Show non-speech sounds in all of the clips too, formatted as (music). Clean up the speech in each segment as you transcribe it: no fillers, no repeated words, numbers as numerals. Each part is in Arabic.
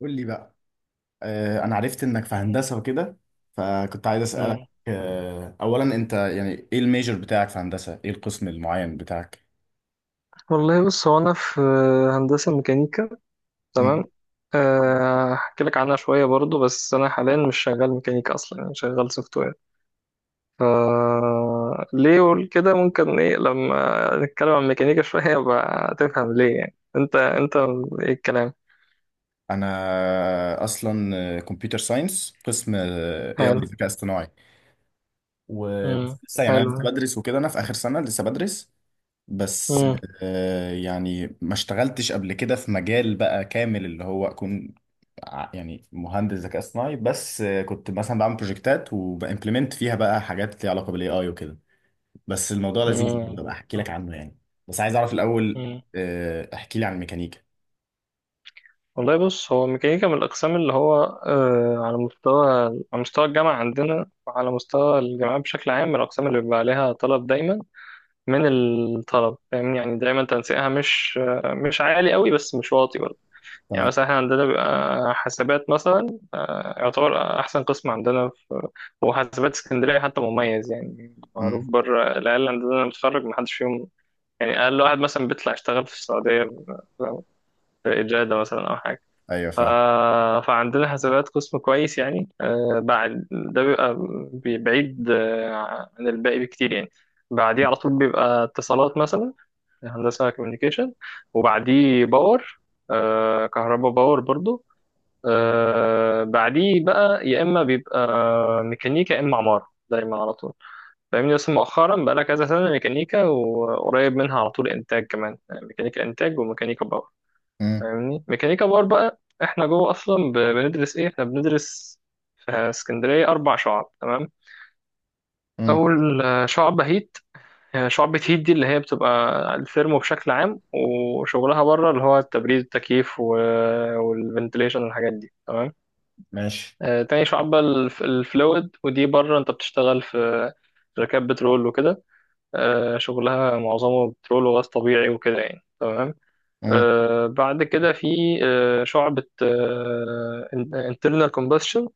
قول لي بقى. انا عرفت انك في هندسة وكده، فكنت عايز اسألك. مم. اولا انت يعني ايه الميجر بتاعك في هندسة؟ ايه القسم المعين بتاعك؟ والله بص، هو أنا في هندسة ميكانيكا. مم. تمام. هحكي لك عنها شوية برضو، بس أنا حاليا مش شغال ميكانيكا أصلا، أنا شغال سوفت وير. ف ليه أقول كده؟ ممكن إيه لما نتكلم عن ميكانيكا شوية بقى تفهم ليه، يعني أنت إيه الكلام. انا اصلا كمبيوتر ساينس، قسم اي اي حلو. ذكاء اصطناعي. مم. ولسه يعني انا لسه حلو. بدرس وكده، انا في اخر سنة لسه بدرس. بس مم. يعني ما اشتغلتش قبل كده في مجال بقى كامل اللي هو اكون يعني مهندس ذكاء اصطناعي، بس كنت مثلا بعمل بروجكتات وبامبلمنت فيها بقى حاجات ليها علاقه بالاي اي وكده. بس الموضوع لذيذ مم. برضه، بقى احكي لك عنه يعني. بس عايز اعرف الاول. مم. احكي لي عن الميكانيكا. والله بص، هو ميكانيكا من الأقسام اللي هو على مستوى، على مستوى الجامعة عندنا وعلى مستوى الجامعات بشكل عام، من الأقسام اللي بيبقى عليها طلب دايما من الطلب. فاهمني؟ يعني دايما تنسيقها مش مش عالي قوي، بس مش واطي برضه. يعني تمام. مثلا احنا عندنا بيبقى حاسبات مثلا، يعتبر أحسن قسم عندنا في، وحاسبات اسكندرية حتى مميز يعني، مم. معروف بره. العيال عندنا متخرج محدش فيهم، يعني أقل واحد مثلا بيطلع يشتغل في السعودية، في إجادة مثلا أو حاجة. ايوه ف... فاهم. فعندنا حسابات قسم كويس يعني. بعد ده بيبقى بعيد عن الباقي بكتير يعني. بعديه على طول بيبقى اتصالات مثلا، هندسة كوميونيكيشن. وبعديه باور، كهرباء باور برضو. بعديه بقى يا إما بيبقى ميكانيكا يا إما عمارة دايما على طول. فاهمني؟ بس مؤخرا بقى لها كذا سنة، ميكانيكا وقريب منها على طول إنتاج كمان، يعني ميكانيكا إنتاج وميكانيكا باور. مم. فاهمني؟ ميكانيكا باور بقى احنا جوه اصلا بندرس ايه. احنا بندرس في اسكندريه اربع شعب. تمام. مم. اول شعبة هيت. هي شعبة هيت دي اللي هي بتبقى الثيرمو بشكل عام، وشغلها بره اللي هو التبريد، التكييف والفنتليشن والحاجات دي. تمام. ماشي. تاني شعبة الفلويد. ودي بره انت بتشتغل في شركات بترول وكده. شغلها معظمه بترول وغاز طبيعي وكده يعني. تمام. مم. بعد كده في شعبة internal combustion.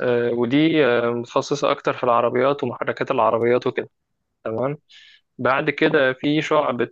ودي متخصصة أكتر في العربيات ومحركات العربيات وكده. تمام. بعد كده في شعبة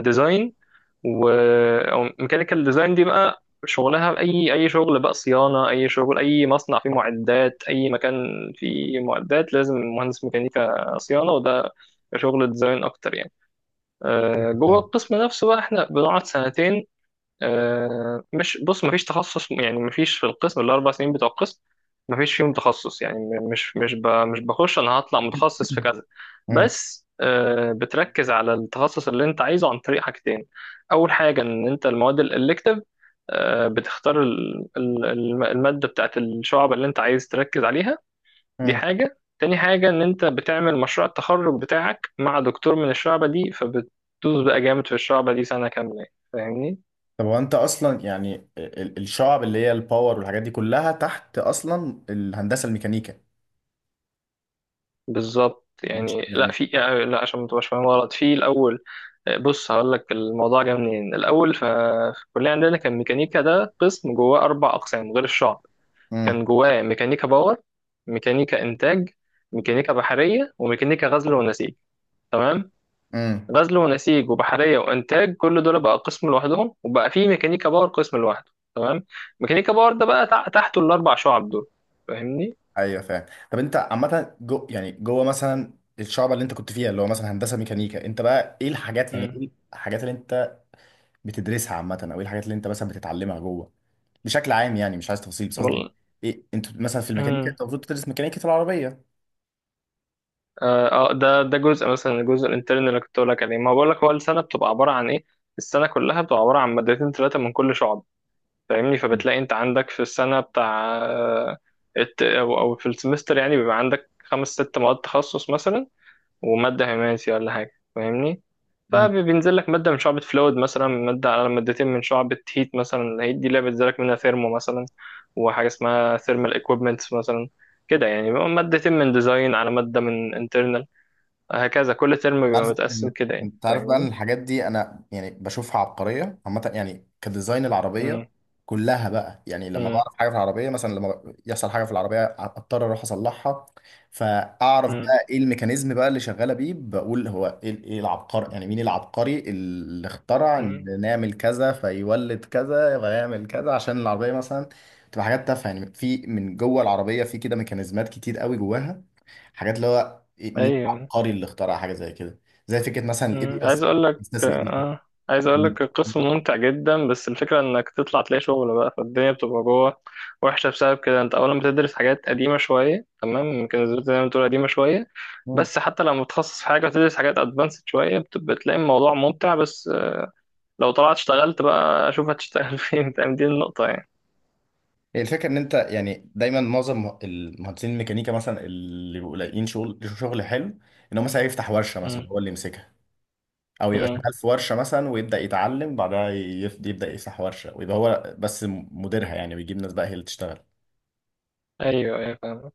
ديزاين، و أو ميكانيكال ديزاين. دي بقى شغلها أي أي شغل بقى، صيانة، أي شغل، أي مصنع فيه معدات، أي مكان فيه معدات لازم مهندس ميكانيكا صيانة. وده شغل ديزاين أكتر يعني. جوه القسم نفسه بقى احنا بنقعد سنتين. آه، مش بص، مفيش تخصص يعني، مفيش. في القسم الاربع سنين بتوع القسم مفيش فيهم تخصص، يعني مش بخش انا هطلع متخصص في كذا. فاهم. بس بتركز على التخصص اللي انت عايزه عن طريق حاجتين. اول حاجه ان انت المواد الالكتيف، بتختار الماده بتاعت الشعب اللي انت عايز تركز عليها. دي مم. حاجه. تاني حاجه ان انت بتعمل مشروع التخرج بتاعك مع دكتور من الشعبه دي، فبتدوس بقى جامد في الشعبه دي سنه كامله يعني. فاهمني؟ طب هو انت اصلا يعني الشعب اللي هي الباور والحاجات دي كلها تحت اصلا الهندسه الميكانيكا؟ بالظبط مش يعني. لا، يعني. في يعني، لا عشان ما تبقاش فاهم غلط في الاول. بص، هقول لك الموضوع جه منين الاول. في الكليه عندنا كان ميكانيكا ده قسم جواه اربع اقسام غير الشعب. امم. كان جواه ميكانيكا باور، ميكانيكا انتاج، ميكانيكا بحريه، وميكانيكا غزل ونسيج. تمام. امم. غزل ونسيج وبحريه وانتاج كل دول بقى قسم لوحدهم، وبقى في ميكانيكا باور قسم لوحده. تمام. ميكانيكا باور ده بقى تحته الاربع شعب دول. فاهمني؟ ايوه فاهم. طب انت عامه جو يعني جوه مثلا الشعب اللي انت كنت فيها، اللي هو مثلا هندسه ميكانيكا، انت بقى ايه الحاجات يعني امم. ايه الحاجات اللي انت بتدرسها عامه، او ايه الحاجات اللي انت مثلا بتتعلمها جوه بشكل عام؟ يعني مش عايز تفاصيل، بس قصدي ايه؟ انت مثلا في الميكانيكا والله. انت المفروض تدرس ميكانيكا العربيه. ده جزء مثلا، الجزء الانترن اللي كنت بقول لك عليه. ما بقول لك، هو السنه بتبقى عباره عن ايه، السنه كلها بتبقى عباره عن مادتين ثلاثه من كل شعب. فاهمني؟ فبتلاقي انت عندك في السنه بتاع آه، الت- او أو في السمستر يعني، بيبقى عندك خمس ست مواد تخصص مثلا، وماده هيماسي ولا حاجه. فاهمني؟ فبينزل لك ماده من شعبة فلويد مثلا، ماده على مادتين من شعبة هيت مثلا. هيت دي اللي بينزل لك منها ثيرمو مثلا، وحاجه اسمها ثيرمال ايكويبمنتس مثلا. كده يعني، بيبقى مادتين من ديزاين على مادة من internal. هكذا كل ترم بيبقى عارف متقسم ان كده يعني. انت عارف بقى ان فاهمني؟ الحاجات دي انا يعني بشوفها عبقريه عامه، يعني كديزاين العربيه مم. كلها بقى، يعني لما مم. بعرف حاجه في العربيه، مثلا لما يحصل حاجه في العربيه اضطر اروح اصلحها، فاعرف مم. بقى ايه الميكانيزم بقى اللي شغاله بيه، بقول هو ايه؟ ايه العبقري؟ يعني مين العبقري اللي اخترع ان مم. نعمل كذا فيولد كذا فيعمل كذا عشان العربيه مثلا تبقى حاجات تافهه؟ يعني في من جوه العربيه في كده ميكانيزمات كتير قوي جواها، حاجات اللي هو مين ايوه. العبقري اللي اخترع حاجه زي كده؟ زي فكره مثلا الاي بي مم. عايز اس. اقول لك. استاذ الاي بي عايز اقول لك القسم ممتع جدا، بس الفكره انك تطلع تلاقي شغل بقى، فالدنيا بتبقى جوه وحشه بسبب كده. انت اولا بتدرس حاجات قديمه شويه. تمام، ممكن زي ما تقول قديمه شويه. اس. بس حتى لما بتخصص في حاجه وتدرس حاجات ادفانسد شويه، بتلاقي الموضوع ممتع. بس لو طلعت اشتغلت بقى اشوف هتشتغل (laughs) فين. فاهم؟ دي النقطه يعني. هي الفكره ان انت يعني دايما معظم المهندسين الميكانيكا مثلا اللي بيبقوا لاقيين شغل، شغل حلو، ان هو مثلا يفتح ورشه مثلا مم. هو اللي يمسكها، او يبقى مم. شغال في ورشه مثلا ويبدا يتعلم بعدها، يبدا يفتح ورشه ويبقى هو بس مديرها يعني، ويجيب ناس بقى هي اللي تشتغل. ايوه ايوه فاهم.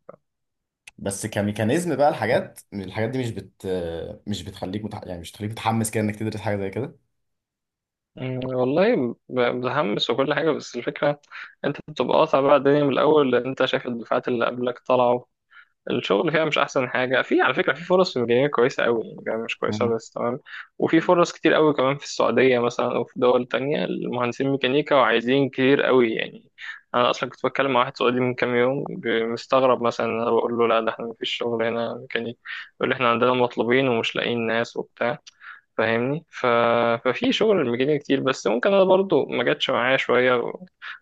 بس كميكانيزم بقى الحاجات الحاجات دي مش بت مش بتخليك يعني مش بتخليك متحمس كده انك تدرس حاجه زي كده. والله متحمس وكل حاجة، بس الفكرة انت بتبقى قاطع بقى الدنيا من الأول، لأن انت شايف الدفعات اللي قبلك طلعوا الشغل فيها مش أحسن حاجة. في، على فكرة، في فرص في الجنوب كويسة أوي، يعني الجنوب مش كويسة مم. بس. تمام. وفي فرص كتير أوي كمان في السعودية مثلا، أو في دول تانية. المهندسين ميكانيكا وعايزين كتير أوي يعني. أنا أصلا كنت بتكلم مع واحد سعودي من كام يوم مستغرب مثلا. أنا بقول له لا، ده احنا مفيش شغل هنا ميكانيك. يقول لي احنا عندنا مطلوبين ومش لاقيين ناس وبتاع. فاهمني؟ ففي شغل الميكانيكا كتير، بس ممكن انا برضو ما جاتش معايا شويه.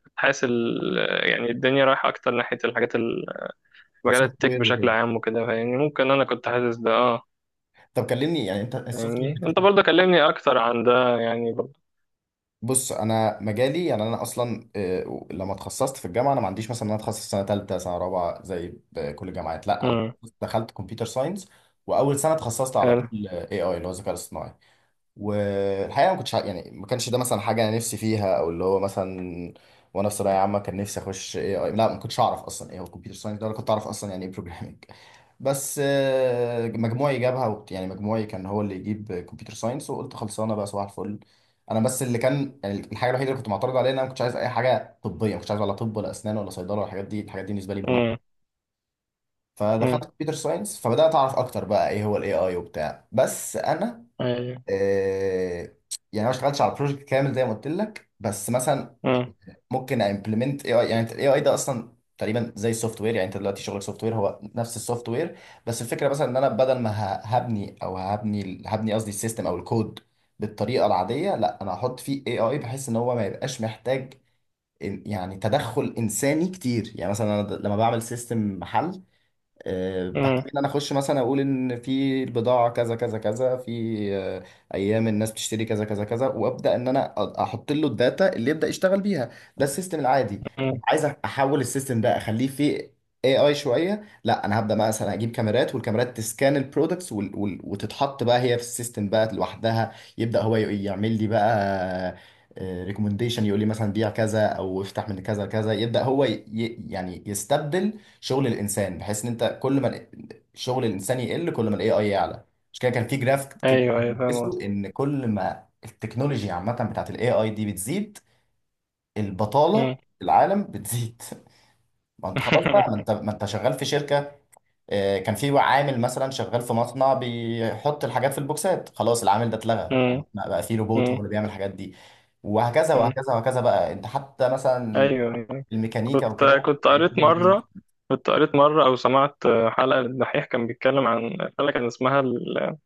كنت حاسس يعني الدنيا رايحه اكتر ناحيه الحاجات مجال السوفت التك وير بشكل وكده. عام وكده. فاهمني؟ ممكن انا كنت حاسس ده. اه. طب كلمني يعني انت السوفت وير. فاهمني؟ انت برضو كلمني اكتر عن ده يعني برضو. بص، انا مجالي يعني انا اصلا، لما اتخصصت في الجامعه، انا ما عنديش مثلا ان انا اتخصص سنه ثالثه سنه رابعه زي كل الجامعات، لا انا امم. دخلت كمبيوتر ساينس، واول سنه اتخصصت على حلو. طول اي اي اللي هو الذكاء الاصطناعي. والحقيقه ما كنتش يعني ما كانش ده مثلا حاجه انا نفسي فيها، او اللي هو مثلا وانا في ثانويه عامه كان نفسي اخش اي اي، لا ما كنتش اعرف اصلا ايه هو كمبيوتر ساينس ده، ولا كنت اعرف اصلا يعني ايه بروجرامنج. بس مجموعي جابها يعني مجموعي كان هو اللي يجيب كمبيوتر ساينس، وقلت خلصانه بقى صباح الفل. انا بس اللي كان يعني الحاجه الوحيده اللي كنت معترض عليها ان انا ما كنتش عايز اي حاجه طبيه، ما كنتش عايز ولا طب ولا اسنان ولا صيدله ولا الحاجات دي، الحاجات دي بالنسبه لي امم. مهمه. فدخلت امم. كمبيوتر ساينس، فبدات اعرف اكتر بقى ايه هو الاي اي وبتاع. بس انا، ايوه. آه، يعني أنا ما اشتغلتش على بروجكت كامل زي ما قلت لك، بس مثلا امم. ممكن امبلمنت اي اي. يعني الاي اي ده اصلا تقريبا زي السوفت وير، يعني انت دلوقتي شغلك سوفت وير، هو نفس السوفت وير، بس الفكره مثلا ان انا بدل ما ه- هبني او هبني هبني قصدي السيستم او الكود بالطريقه العاديه، لا انا هحط فيه اي اي بحيث ان هو ما يبقاش محتاج يعني تدخل انساني كتير. يعني مثلا انا لما بعمل سيستم محل، بحتاج امم. ان انا اخش مثلا اقول ان في البضاعه كذا كذا كذا، في آه، ايام الناس بتشتري كذا كذا كذا، وابدا ان انا احط له الداتا اللي يبدا يشتغل بيها. ده السيستم العادي. أمم. عايز احول السيستم ده اخليه فيه اي اي شويه، لا انا هبدا مثلا اجيب كاميرات، والكاميرات تسكان البرودكتس وتتحط بقى هي في السيستم بقى لوحدها، يبدا هو يعمل لي بقى ريكومنديشن، يقول لي مثلا بيع كذا او افتح من كذا كذا، يبدا هو يعني يستبدل شغل الانسان، بحيث ان انت كل ما شغل الانسان يقل كل ما الاي اي يعلى. مش كده كان في جراف كده ايوه ايوه فاهم بندرسه قصدي. ان كل ما التكنولوجيا عامه بتاعت الاي اي دي بتزيد، البطاله امم. في العالم بتزيد؟ (laughs) ما انت خلاص بقى، ما انت شغال في شركه. كان في عامل مثلا شغال في مصنع بيحط الحاجات في البوكسات، خلاص العامل ده اتلغى، (laughs) بقى في روبوت هو امم. اللي بيعمل الحاجات دي. وهكذا امم. وهكذا وهكذا بقى انت حتى مثلا ايوه أيوة. الميكانيكا كنت وكده. كنت قريت مره كنت قريت مره او سمعت، حلقه للدحيح. كان بيتكلم عن حلقه كان اسمها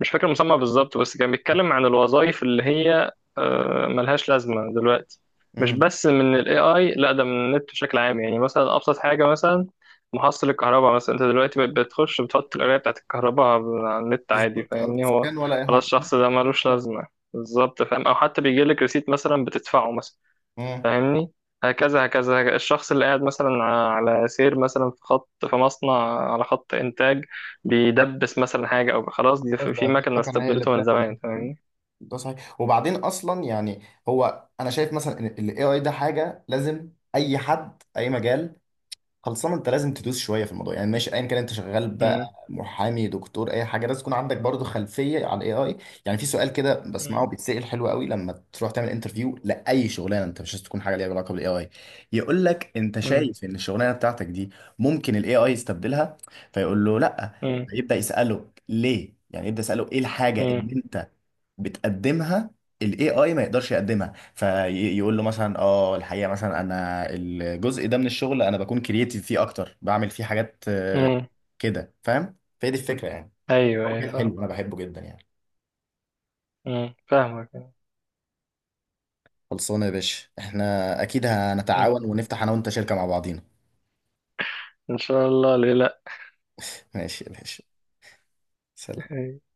مش فاكر المسمى بالظبط، بس كان بيتكلم عن الوظائف اللي هي ملهاش لازمه دلوقتي. مش (laughs) بس من الاي اي، لا، ده من النت بشكل عام يعني. مثلا ابسط حاجه مثلا، محصل الكهرباء مثلا، انت دلوقتي بقت بتخش بتحط القرايه بتاعت الكهرباء على النت عادي. بالظبط، ارض فاهمني؟ هو سكان ولا اي خلاص حاجه. الشخص ده ملوش لازمه. بالظبط فاهم. او حتى بيجي لك ريسيت مثلا بتدفعه مثلا. مم. فاهمني؟ هكذا هكذا، الشخص اللي قاعد مثلا على سير مثلا في خط، في مصنع على خط إنتاج، بيدبس مثلا حاجة، أو خلاص دي خلاص في بقى في مكنة مكنه هي اللي استبدلته من بتعمل ده. زمان. فاهمني؟ ده صحيح. وبعدين اصلا يعني هو انا شايف مثلا ان الاي اي ده حاجه لازم، اي حد اي مجال خلصان انت لازم تدوس شويه في الموضوع. يعني ماشي ايا كان انت شغال بقى مم. محامي، دكتور، اي حاجه، لازم يكون عندك برضو خلفيه على الاي اي. يعني في سؤال كده مم. بسمعه بيتسال، حلو قوي، لما تروح تعمل انترفيو لاي شغلانه انت مش عايز تكون حاجه ليها علاقه بالاي اي، يقول لك انت مم. شايف ان الشغلانه بتاعتك دي ممكن الاي اي يستبدلها؟ فيقول له لا. مم. فيبدا يساله ليه، يعني يبدا يساله ايه الحاجه مم. اللي انت بتقدمها الاي اي ما يقدرش يقدمها. فيقول له مثلا اه الحقيقه مثلا انا الجزء ده من الشغل انا بكون كرييتيف فيه اكتر، بعمل فيه حاجات مم. كده فاهم؟ فهي دي الفكره يعني. أيوه أيوه كده فاهم. حلو، انا بحبه جدا يعني. مم. فاهمك. خلصانه يا باشا، احنا اكيد هنتعاون مم. ونفتح انا وانت شركه مع بعضينا. إن شاء الله، ليه لأ؟ ماشي يا باشا. سلام. (laughs)